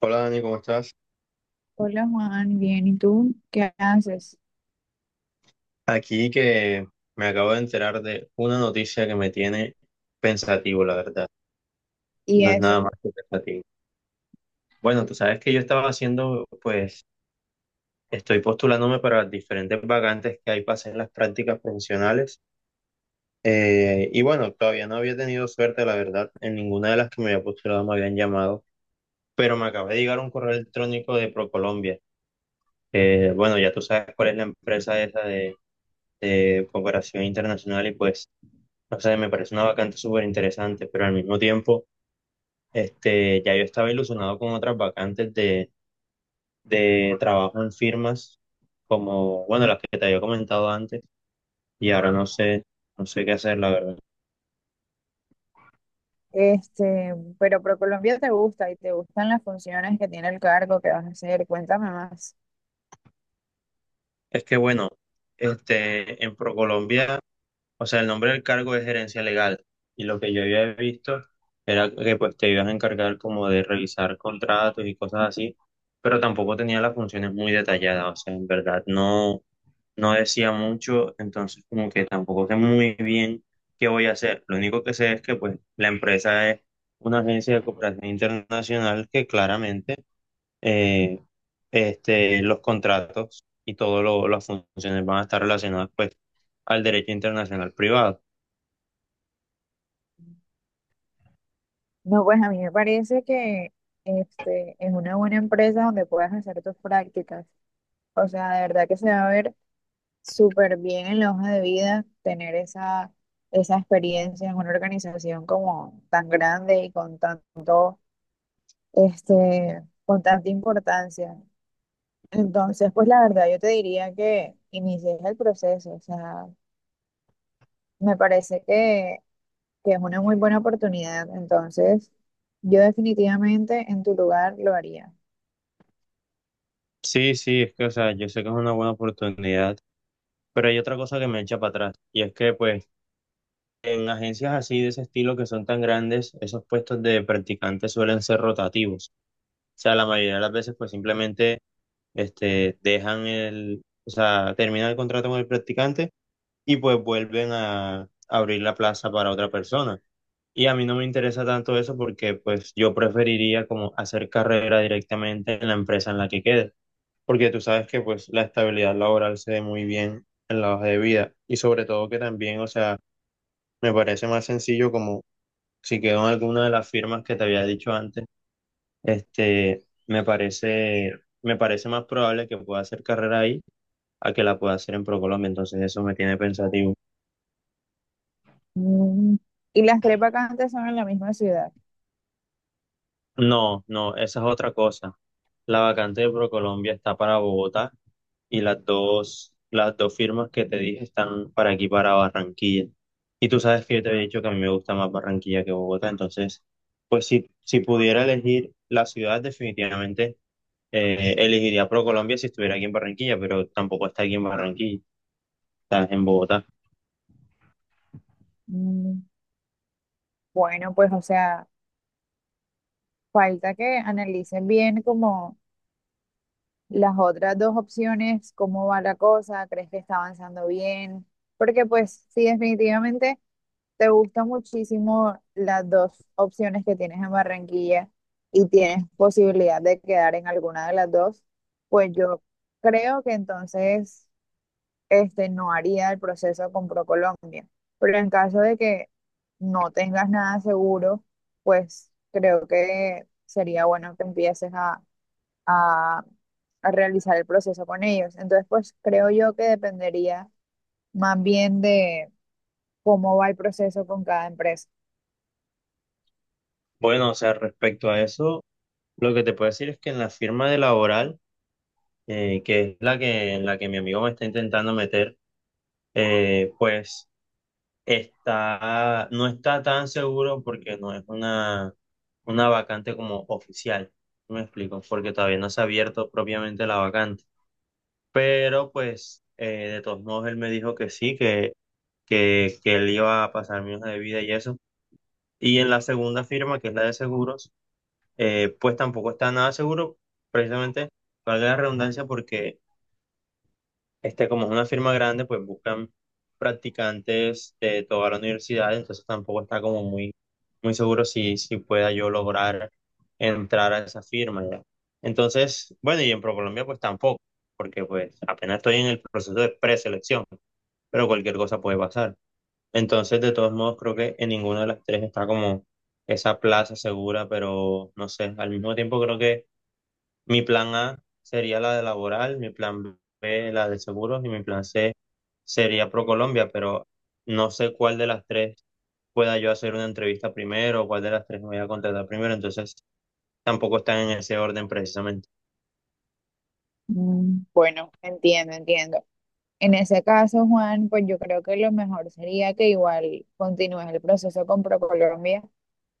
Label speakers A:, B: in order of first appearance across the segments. A: Hola Dani, ¿cómo estás?
B: Hola Juan, bien, ¿y tú qué haces?
A: Aquí que me acabo de enterar de una noticia que me tiene pensativo, la verdad.
B: Y
A: No es
B: eso,
A: nada más que pensativo. Bueno, tú sabes que yo estaba haciendo, pues, estoy postulándome para diferentes vacantes que hay para hacer las prácticas profesionales. Y bueno, todavía no había tenido suerte, la verdad. En ninguna de las que me había postulado me habían llamado, pero me acaba de llegar un correo electrónico de ProColombia. Bueno, ya tú sabes cuál es la empresa esa de cooperación internacional y pues... O sea, me parece una vacante súper interesante, pero al mismo tiempo, ya yo estaba ilusionado con otras vacantes de trabajo en firmas, como, bueno, las que te había comentado antes, y ahora no sé, no sé qué hacer, la verdad.
B: pero ProColombia te gusta y te gustan las funciones que tiene el cargo que vas a hacer, cuéntame más.
A: Es que, bueno, en ProColombia, o sea, el nombre del cargo es gerencia legal, y lo que yo había visto era que, pues, te ibas a encargar como de revisar contratos y cosas así, pero tampoco tenía las funciones muy detalladas, o sea, en verdad, no. No decía mucho, entonces como que tampoco sé muy bien qué voy a hacer. Lo único que sé es que pues la empresa es una agencia de cooperación internacional que claramente eh, los contratos y todas las funciones van a estar relacionadas pues al derecho internacional privado.
B: No, pues a mí me parece que es una buena empresa donde puedas hacer tus prácticas. O sea, de verdad que se va a ver súper bien en la hoja de vida tener esa experiencia en una organización como tan grande y con con tanta importancia. Entonces, pues la verdad, yo te diría que inicies el proceso, o sea, me parece que es una muy buena oportunidad, entonces yo definitivamente en tu lugar lo haría.
A: Sí, sí, es que o sea, yo sé que es una buena oportunidad, pero hay otra cosa que me echa para atrás y es que pues en agencias así de ese estilo que son tan grandes, esos puestos de practicantes suelen ser rotativos. O sea, la mayoría de las veces pues simplemente dejan el, o sea, terminan el contrato con el practicante y pues vuelven a abrir la plaza para otra persona. Y a mí no me interesa tanto eso porque pues yo preferiría como hacer carrera directamente en la empresa en la que quede, porque tú sabes que pues la estabilidad laboral se ve muy bien en la hoja de vida y sobre todo que también, o sea, me parece más sencillo como si quedó en alguna de las firmas que te había dicho antes, este, me parece, me parece más probable que pueda hacer carrera ahí a que la pueda hacer en ProColombia, entonces eso me tiene pensativo.
B: Mm, ¿y las tres vacantes son en la misma ciudad?
A: No, no, esa es otra cosa. La vacante de ProColombia está para Bogotá y las dos firmas que te dije están para aquí, para Barranquilla. Y tú sabes que yo te había dicho que a mí me gusta más Barranquilla que Bogotá, entonces, pues si pudiera elegir la ciudad, definitivamente elegiría ProColombia si estuviera aquí en Barranquilla, pero tampoco está aquí en Barranquilla. Estás en Bogotá.
B: Mm, bueno, pues o sea, falta que analicen bien como las otras dos opciones, cómo va la cosa, crees que está avanzando bien, porque pues sí, definitivamente te gustan muchísimo las dos opciones que tienes en Barranquilla y tienes posibilidad de quedar en alguna de las dos, pues yo creo que entonces, no haría el proceso con ProColombia. Pero en caso de que no tengas nada seguro, pues creo que sería bueno que empieces a, a realizar el proceso con ellos. Entonces, pues creo yo que dependería más bien de cómo va el proceso con cada empresa.
A: Bueno, o sea, respecto a eso, lo que te puedo decir es que en la firma de laboral, que es la que, en la que mi amigo me está intentando meter, pues está, no está tan seguro porque no es una vacante como oficial. ¿Sí me explico? Porque todavía no se ha abierto propiamente la vacante. Pero pues, de todos modos, él me dijo que sí, que él iba a pasar mi hoja de vida y eso. Y en la segunda firma, que es la de seguros, pues tampoco está nada seguro, precisamente, valga la redundancia, porque como es una firma grande, pues buscan practicantes de toda la universidad, entonces tampoco está como muy seguro si, si pueda yo lograr entrar a esa firma ya. Entonces, bueno, y en ProColombia pues tampoco, porque pues apenas estoy en el proceso de preselección, pero cualquier cosa puede pasar. Entonces, de todos modos, creo que en ninguna de las tres está como esa plaza segura, pero no sé, al mismo tiempo creo que mi plan A sería la de laboral, mi plan B la de seguros y mi plan C sería ProColombia, pero no sé cuál de las tres pueda yo hacer una entrevista primero, o cuál de las tres me voy a contratar primero, entonces tampoco están en ese orden precisamente.
B: Mm, bueno, entiendo, entiendo. En ese caso, Juan, pues yo creo que lo mejor sería que igual continúes el proceso con ProColombia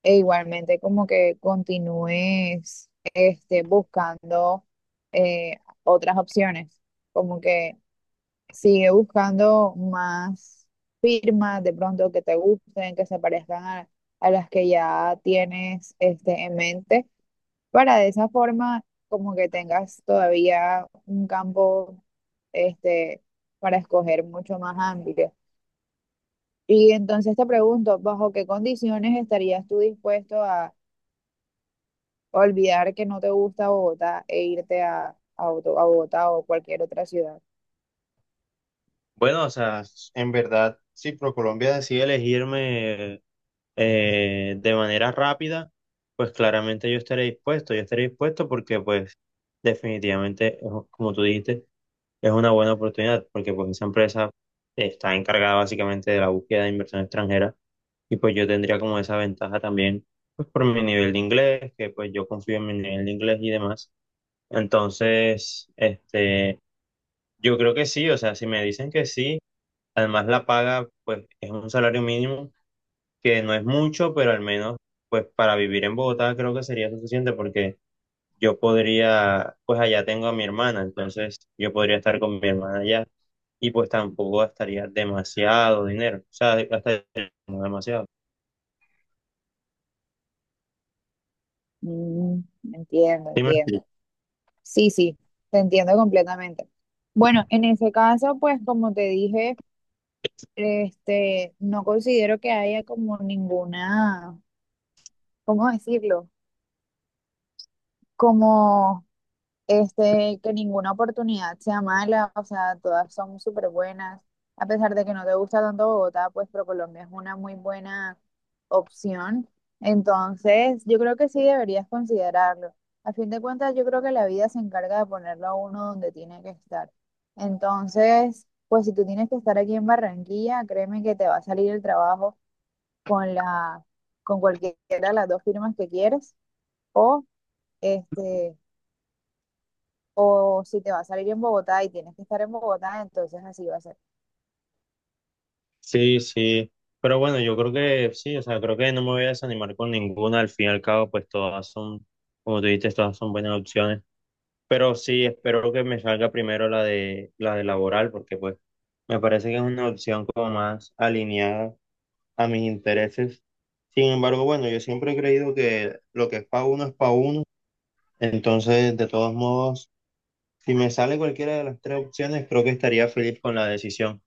B: e igualmente como que continúes buscando otras opciones, como que sigue buscando más firmas de pronto que te gusten, que se parezcan a las que ya tienes, este, en mente, para de esa forma como que tengas todavía un campo, este, para escoger mucho más amplio. Y entonces te pregunto, ¿bajo qué condiciones estarías tú dispuesto a olvidar que no te gusta Bogotá e irte a Bogotá o cualquier otra ciudad?
A: Bueno, o sea, en verdad, si ProColombia decide elegirme de manera rápida, pues claramente yo estaré dispuesto porque pues definitivamente, como tú dijiste, es una buena oportunidad porque pues esa empresa está encargada básicamente de la búsqueda de inversión extranjera y pues yo tendría como esa ventaja también pues por mi nivel de inglés, que pues yo confío en mi nivel de inglés y demás. Entonces, yo creo que sí, o sea, si me dicen que sí, además la paga pues es un salario mínimo que no es mucho, pero al menos pues para vivir en Bogotá creo que sería suficiente porque yo podría, pues allá tengo a mi hermana, entonces yo podría estar con mi hermana allá y pues tampoco gastaría demasiado dinero, o sea, de- gastaría como demasiado.
B: Mm, entiendo,
A: ¿Sí me explico?
B: entiendo. Sí, sí, te entiendo completamente. Bueno, en ese caso, pues como te dije, no considero que haya como ninguna... ¿Cómo decirlo? como que ninguna oportunidad sea mala, o sea, todas son súper buenas. A pesar de que no te gusta tanto Bogotá, pues ProColombia es una muy buena opción. Entonces, yo creo que sí deberías considerarlo. A fin de cuentas, yo creo que la vida se encarga de ponerlo a uno donde tiene que estar. Entonces, pues si tú tienes que estar aquí en Barranquilla, créeme que te va a salir el trabajo con con cualquiera de las dos firmas que quieres o este o si te va a salir en Bogotá y tienes que estar en Bogotá, entonces así va a ser.
A: Sí, sí. Pero bueno, yo creo que sí, o sea, creo que no me voy a desanimar con ninguna, al fin y al cabo, pues todas son, como tú dijiste, todas son buenas opciones, pero sí, espero que me salga primero la de laboral, porque pues me parece que es una opción como más alineada a mis intereses. Sin embargo, bueno, yo siempre he creído que lo que es para uno es para uno. Entonces, de todos modos, si me sale cualquiera de las tres opciones, creo que estaría feliz con la decisión.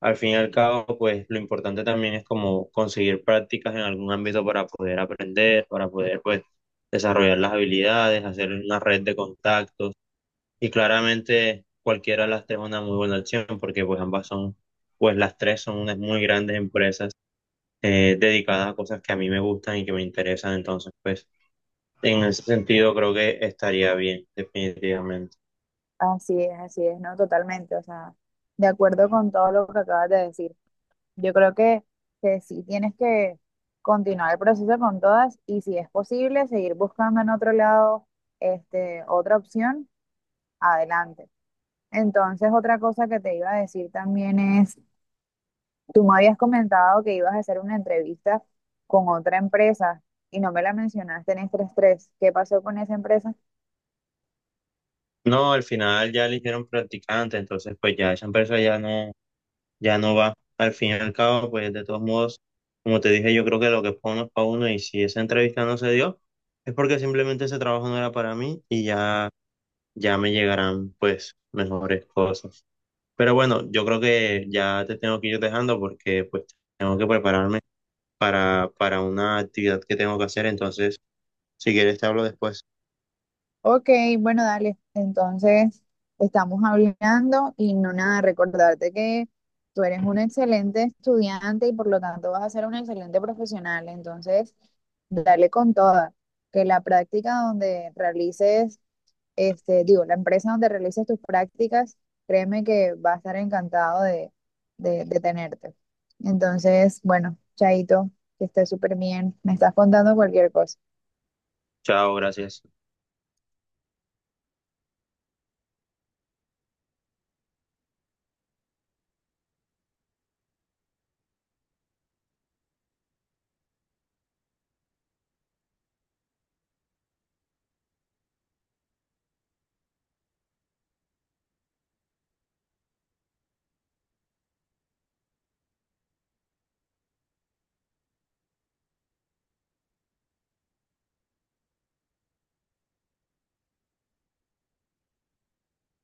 A: Al fin y al cabo, pues lo importante también es como conseguir prácticas en algún ámbito para poder aprender, para poder pues desarrollar las habilidades, hacer una red de contactos. Y claramente cualquiera de las tres es una muy buena opción porque pues ambas son, pues las tres son unas muy grandes empresas dedicadas a cosas que a mí me gustan y que me interesan. Entonces, pues en ese sentido creo que estaría bien, definitivamente.
B: Así es, ¿no? Totalmente. O sea, de acuerdo con todo lo que acabas de decir. Yo creo que sí tienes que continuar el proceso con todas y si es posible, seguir buscando en otro lado, otra opción, adelante. Entonces, otra cosa que te iba a decir también es, tú me habías comentado que ibas a hacer una entrevista con otra empresa y no me la mencionaste en estrés 3. ¿Qué pasó con esa empresa?
A: No, al final ya eligieron practicante, entonces pues ya esa empresa ya no, ya no va. Al fin y al cabo, pues de todos modos, como te dije, yo creo que lo que es para uno y si esa entrevista no se dio, es porque simplemente ese trabajo no era para mí y ya, ya me llegarán pues mejores cosas. Pero bueno, yo creo que ya te tengo que ir dejando porque pues tengo que prepararme para una actividad que tengo que hacer, entonces si quieres te hablo después.
B: Ok, bueno, dale. Entonces, estamos hablando y no nada, recordarte que tú eres un excelente estudiante y por lo tanto vas a ser un excelente profesional. Entonces, dale con toda. Que la práctica donde realices, digo, la empresa donde realices tus prácticas, créeme que va a estar encantado de tenerte. Entonces, bueno, Chaito, que estés súper bien. Me estás contando cualquier cosa.
A: Chao, gracias.